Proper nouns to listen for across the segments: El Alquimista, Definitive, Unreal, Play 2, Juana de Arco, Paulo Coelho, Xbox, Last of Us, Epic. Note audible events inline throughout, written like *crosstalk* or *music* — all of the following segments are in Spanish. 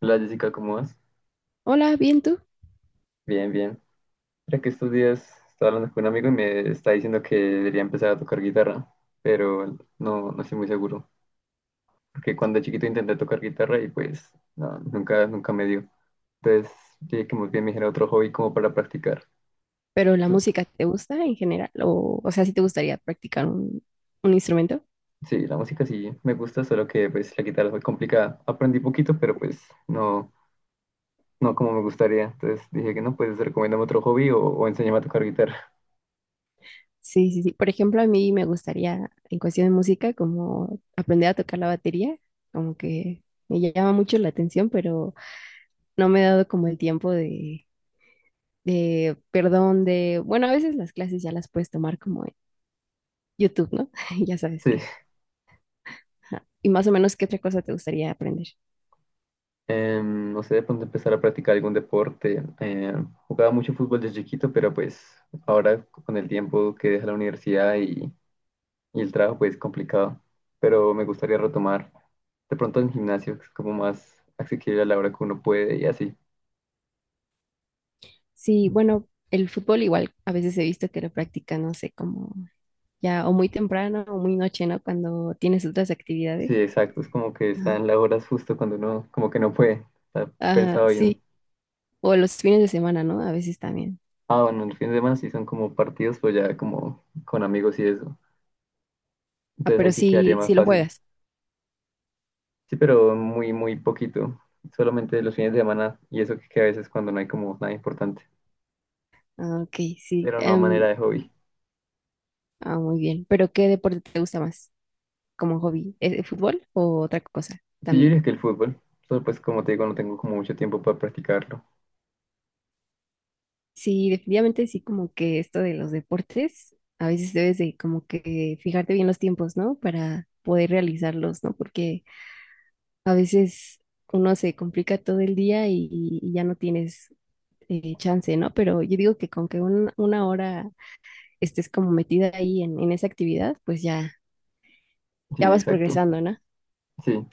Hola Jessica, ¿cómo vas? Hola, bien tú. Bien, bien. Mira que estos días estaba hablando con un amigo y me está diciendo que debería empezar a tocar guitarra, pero no, no estoy muy seguro, porque cuando chiquito intenté tocar guitarra y pues no, nunca, nunca me dio. Entonces dije que muy bien me dijera otro hobby como para practicar. Pero la Tú- música te gusta en general, o sea, si te gustaría practicar un instrumento. sí, la música sí me gusta, solo que pues la guitarra es muy complicada. Aprendí poquito, pero pues no, no como me gustaría. Entonces dije que no, pues recomiéndame otro hobby o enséñame a tocar guitarra. Sí, sí, sí. Por ejemplo, a mí me gustaría, en cuestión de música, como aprender a tocar la batería, como que me llama mucho la atención, pero no me he dado como el tiempo de, bueno, a veces las clases ya las puedes tomar como en YouTube, ¿no? *laughs* Ya sabes *laughs* qué. Sí. Ajá. Y más o menos, ¿qué otra cosa te gustaría aprender? No sé, de pronto empezar a practicar algún deporte. Jugaba mucho fútbol desde chiquito, pero pues ahora con el tiempo que deja la universidad y el trabajo, pues es complicado. Pero me gustaría retomar de pronto en gimnasio, que es como más accesible a la hora que uno puede y así. Sí, bueno, el fútbol igual, a veces he visto que lo practican, no sé, como ya o muy temprano o muy noche, ¿no? Cuando tienes otras Sí, actividades. exacto, es como que Ajá. están las horas justo cuando uno como que no puede. Está Ah, pensado bien. sí, o los fines de semana, ¿no? A veces también. Ah, bueno, el fin de semana sí son como partidos, pues ya como con amigos y eso. Ah, Entonces ahí pero sí quedaría sí, más sí lo fácil. juegas. Sí, pero muy, muy poquito. Solamente los fines de semana y eso que a veces cuando no hay como nada importante. Ah, ok, sí. Pero no a manera de hobby. Ah, muy bien. ¿Pero qué deporte te gusta más como hobby? ¿Es el fútbol o otra cosa Sí, yo también? diría que el fútbol. Solo pues como te digo, no tengo como mucho tiempo para practicarlo. Sí, definitivamente sí, como que esto de los deportes, a veces debes de como que fijarte bien los tiempos, ¿no? Para poder realizarlos, ¿no? Porque a veces uno se complica todo el día y ya no tienes chance, ¿no? Pero yo digo que con que una hora estés como metida ahí en esa actividad, pues ya, Sí, ya vas exacto. progresando, ¿no? Sí.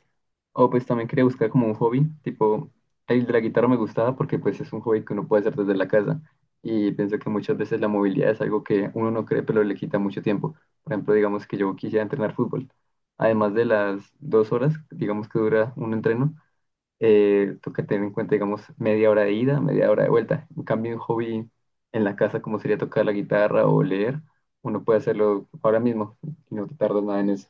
O pues también quería buscar como un hobby. Tipo, el de la guitarra me gustaba porque pues es un hobby que uno puede hacer desde la casa. Y pienso que muchas veces la movilidad es algo que uno no cree, pero le quita mucho tiempo. Por ejemplo, digamos que yo quisiera entrenar fútbol. Además de las 2 horas, digamos que dura un entreno, toca tener en cuenta, digamos, media hora de ida, media hora de vuelta. En cambio, un hobby en la casa, como sería tocar la guitarra o leer, uno puede hacerlo ahora mismo y no te tardas nada en eso.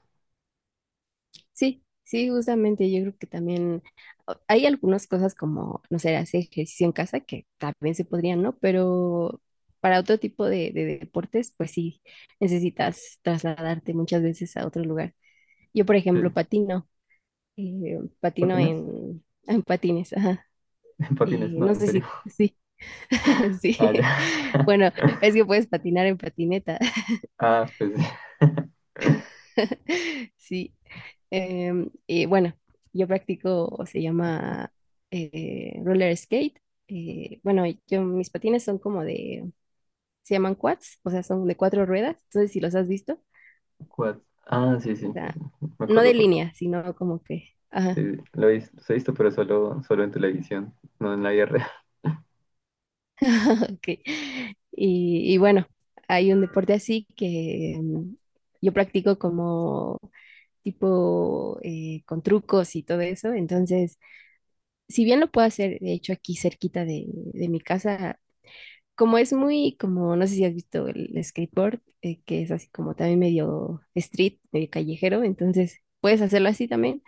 Sí, sí, justamente yo creo que también hay algunas cosas como, no sé, hacer ejercicio en casa que también se podrían, ¿no? Pero para otro tipo de deportes, pues sí, necesitas trasladarte muchas veces a otro lugar. Yo, por ejemplo, Sí. patino. Patino ¿Patines? En patines, ajá. *laughs* ¿Patines? Y no No, en sé serio. si, sí, *laughs* sí. Ah, ya. Bueno, es *laughs* que puedes patinar en patineta. Ah, pues sí. *laughs* *laughs* Sí. Y bueno, yo practico, se llama roller skate. Bueno, yo mis patines son como se llaman quads, o sea, son de cuatro ruedas. ¿No sé si los has visto? O Quad. Ah, sí, sí, sea, me no acuerdo de porque línea, sino como que, ajá. sí, sí, lo he visto, los he visto, pero solo, solo en televisión, no en la guerra. *laughs* *laughs* Ok. Y bueno, hay un deporte así que yo practico como tipo con trucos y todo eso. Entonces, si bien lo puedo hacer, de hecho, aquí cerquita de mi casa, como es muy, como no sé si has visto el skateboard, que es así como también medio street, medio callejero, entonces puedes hacerlo así también,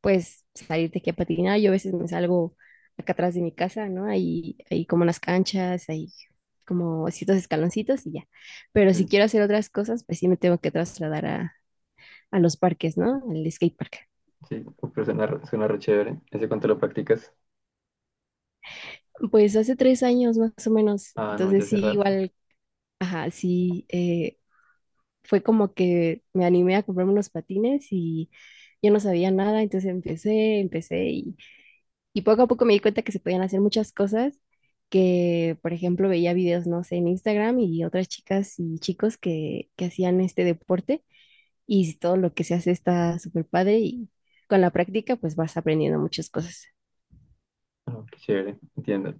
puedes salirte aquí a patinar, yo a veces me salgo acá atrás de mi casa, ¿no? Hay como unas canchas, hay como ciertos escaloncitos y ya, pero si Sí, quiero hacer otras cosas, pues sí me tengo que trasladar a los parques, ¿no? Al skatepark. sí, pero suena, suena re chévere. ¿Hace cuánto lo practicas? Pues hace tres años más o menos, Ah, no, ya entonces hace sí, rato. igual, ajá, sí. Fue como que me animé a comprarme unos patines y yo no sabía nada, entonces empecé y poco a poco me di cuenta que se podían hacer muchas cosas que, por ejemplo, veía videos, no sé, en Instagram y otras chicas y chicos que hacían este deporte y todo lo que se hace está súper padre y con la práctica pues vas aprendiendo muchas cosas. Oh, qué chévere, entiendo.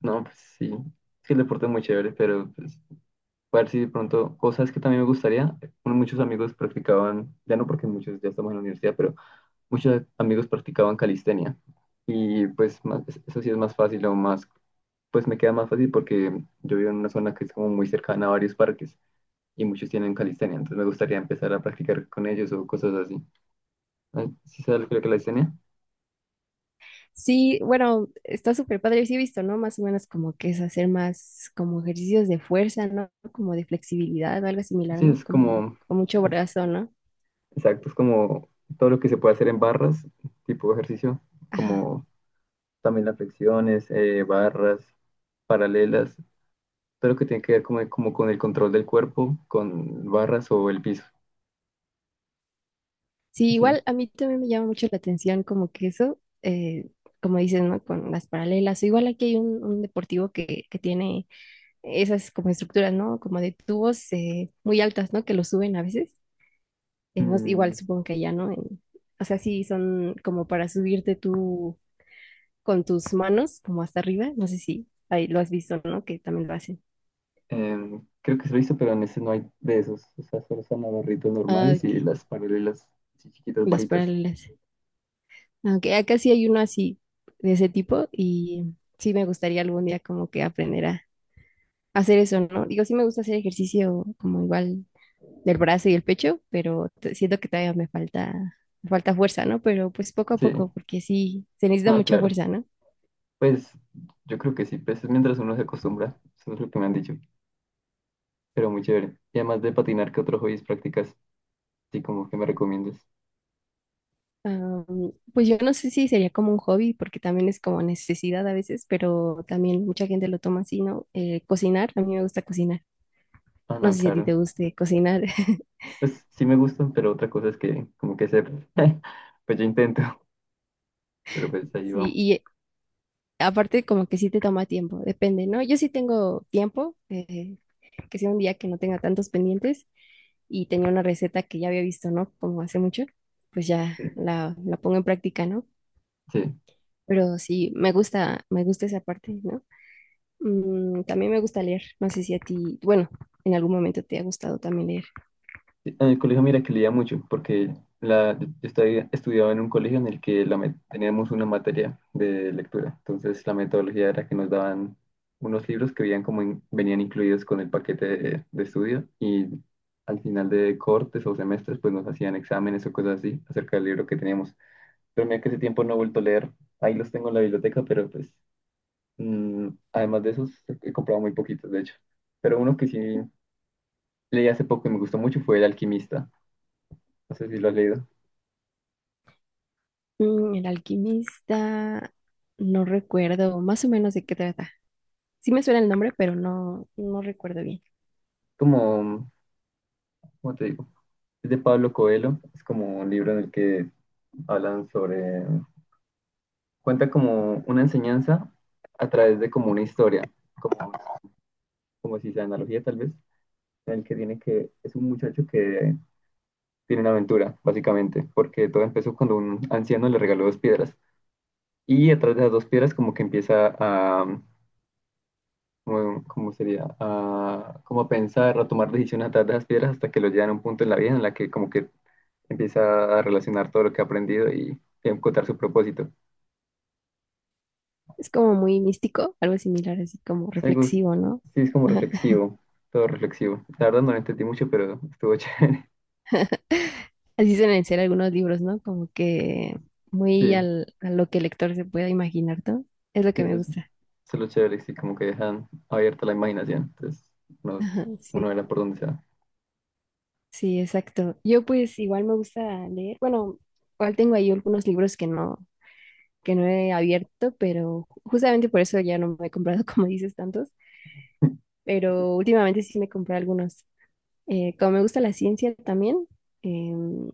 No, pues sí, es que el deporte es muy chévere, pero pues, a ver si de pronto, o sabes que también me gustaría, bueno, muchos amigos practicaban, ya no porque muchos ya estamos en la universidad, pero muchos amigos practicaban calistenia y pues eso sí es más fácil o más, pues me queda más fácil porque yo vivo en una zona que es como muy cercana a varios parques y muchos tienen calistenia, entonces me gustaría empezar a practicar con ellos o cosas así. Ah, ¿sí sabes lo que es la calistenia? Sí, bueno, está súper padre, sí he visto, ¿no? Más o menos como que es hacer más como ejercicios de fuerza, ¿no? Como de flexibilidad, algo similar, Sí, ¿no? es Como como... con mucho brazo, ¿no? Exacto, es como todo lo que se puede hacer en barras, tipo de ejercicio, Ajá. como también las flexiones, barras, paralelas, todo lo que tiene que ver como, como con el control del cuerpo, con barras o el piso, Sí, así. igual a mí también me llama mucho la atención como que eso, como dices, ¿no? Con las paralelas. O igual aquí hay un deportivo que tiene esas como estructuras, ¿no? Como de tubos muy altas, ¿no? Que lo suben a veces. Igual Mm, supongo que allá, ¿no? En, o sea, sí, son como para subirte tú con tus manos como hasta arriba. No sé si ahí lo has visto, ¿no? Que también lo hacen. Creo que se lo hizo, pero en ese no hay de esos, o sea, solo están los barritos Ah, normales y ok, las paralelas así chiquitas, las bajitas. paralelas. Aunque acá sí hay uno así de ese tipo y sí me gustaría algún día como que aprender a hacer eso, ¿no? Digo, sí me gusta hacer ejercicio como igual del brazo y el pecho, pero siento que todavía me falta fuerza, ¿no? Pero pues poco a Sí, poco, porque sí, se necesita no, mucha claro, fuerza, ¿no? pues yo creo que sí, pues es mientras uno se acostumbra, eso es lo que me han dicho, pero muy chévere. Y además de patinar, ¿qué otros hobbies practicas? Sí, como que me recomiendes. Am, pues yo no sé si sería como un hobby, porque también es como necesidad a veces, pero también mucha gente lo toma así, ¿no? Cocinar, a mí me gusta cocinar. Ah, ¿No no, sé si a ti claro. te guste cocinar? *laughs* Pues sí me gustan, pero otra cosa es que como que se... *laughs* pues yo intento, *laughs* pero pues ahí Sí, vamos. y aparte como que sí te toma tiempo, depende, ¿no? Yo sí tengo tiempo, que sea un día que no tenga tantos pendientes y tenía una receta que ya había visto, ¿no? Como hace mucho, pues ya Sí. La pongo en práctica, ¿no? Sí. Pero sí, me gusta esa parte, ¿no? Mm, también me gusta leer. No sé si a ti, bueno, en algún momento te ha gustado también leer. Sí, en el colegio mira que leía mucho, porque yo estudiaba en un colegio en el que teníamos una materia de lectura. Entonces la metodología era que nos daban unos libros que veían como venían incluidos con el paquete de estudio y al final de cortes o semestres pues nos hacían exámenes o cosas así acerca del libro que teníamos. Pero mira que ese tiempo no he vuelto a leer. Ahí los tengo en la biblioteca, pero pues además de esos he comprado muy poquitos, de hecho. Pero uno que sí leí hace poco y me gustó mucho fue El Alquimista. No sé si lo has leído. Mm, El Alquimista, no recuerdo más o menos de qué trata. Sí me suena el nombre, pero no, no recuerdo bien. Como, ¿cómo te digo? Es de Pablo Coelho. Es como un libro en el que hablan sobre... Cuenta como una enseñanza a través de como una historia, como, como si sea analogía tal vez, en el que tiene que... Es un muchacho que tiene una aventura, básicamente, porque todo empezó cuando un anciano le regaló dos piedras. Y a través de las dos piedras como que empieza a ¿cómo sería? A, como a pensar, a tomar decisiones a través de las piedras hasta que lo llevan a un punto en la vida en la que como que empieza a relacionar todo lo que ha aprendido y encontrar su propósito. Es como muy místico, algo similar, así como Sí, reflexivo, ¿no? es como Ajá. reflexivo, todo reflexivo. La verdad no lo entendí mucho, pero estuvo chévere. *laughs* Así suelen ser algunos libros, ¿no? Como que Sí, a lo que el lector se pueda imaginar, ¿no? Es lo sí, que me eso gusta. es lo chévere, sí, como que dejan abierta la imaginación. Entonces, uno, Ajá, uno sí, verá por dónde se va. sí, exacto. Yo pues igual me gusta leer. Bueno, igual tengo ahí algunos libros que no he abierto, pero justamente por eso ya no me he comprado, *laughs* como dices, tantos, pero últimamente sí me compré algunos. Como me gusta la ciencia también, em,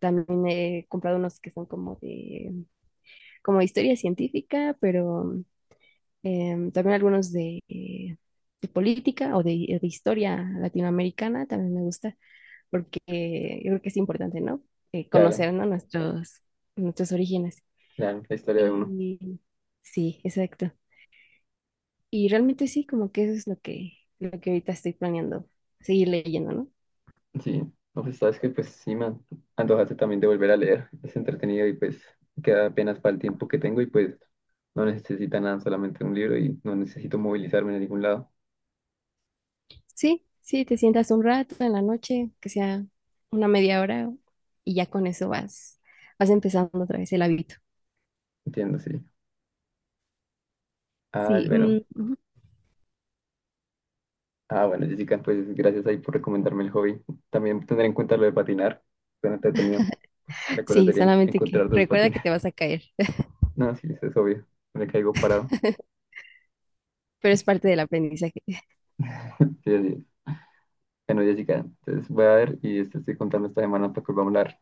también he comprado unos que son como como de historia científica, pero em, también algunos de política o de historia latinoamericana también me gusta, porque yo creo que es importante, ¿no? Claro, Conocer, ¿no? Nuestros, nuestros orígenes. claro, la historia de uno. Y sí, exacto. Y realmente sí, como que eso es lo lo que ahorita estoy planeando, seguir leyendo, ¿no? Sí, no, pues sabes que pues sí me antojaste también de volver a leer. Es entretenido y pues queda apenas para el tiempo que tengo y pues no necesita nada, solamente un libro y no necesito movilizarme en ningún lado. Sí, sí, te sientas un rato en la noche, que sea una media hora, y ya con eso vas, vas empezando otra vez el hábito. Entiendo, sí. Ah, Sí, mm, bueno. *laughs* ujú. Ah, bueno, Jessica, pues gracias ahí por recomendarme el hobby. También tendré en cuenta lo de patinar. Suena entretenido. Pues la cosa Sí, sería solamente que encontrar dos recuerda que patines. te *laughs* vas a caer, No, sí, eso es obvio. Me caigo parado. *laughs* pero es parte del aprendizaje. Sí, sí. Bueno, Jessica, entonces voy a ver y este estoy contando esta semana para que volvamos a hablar.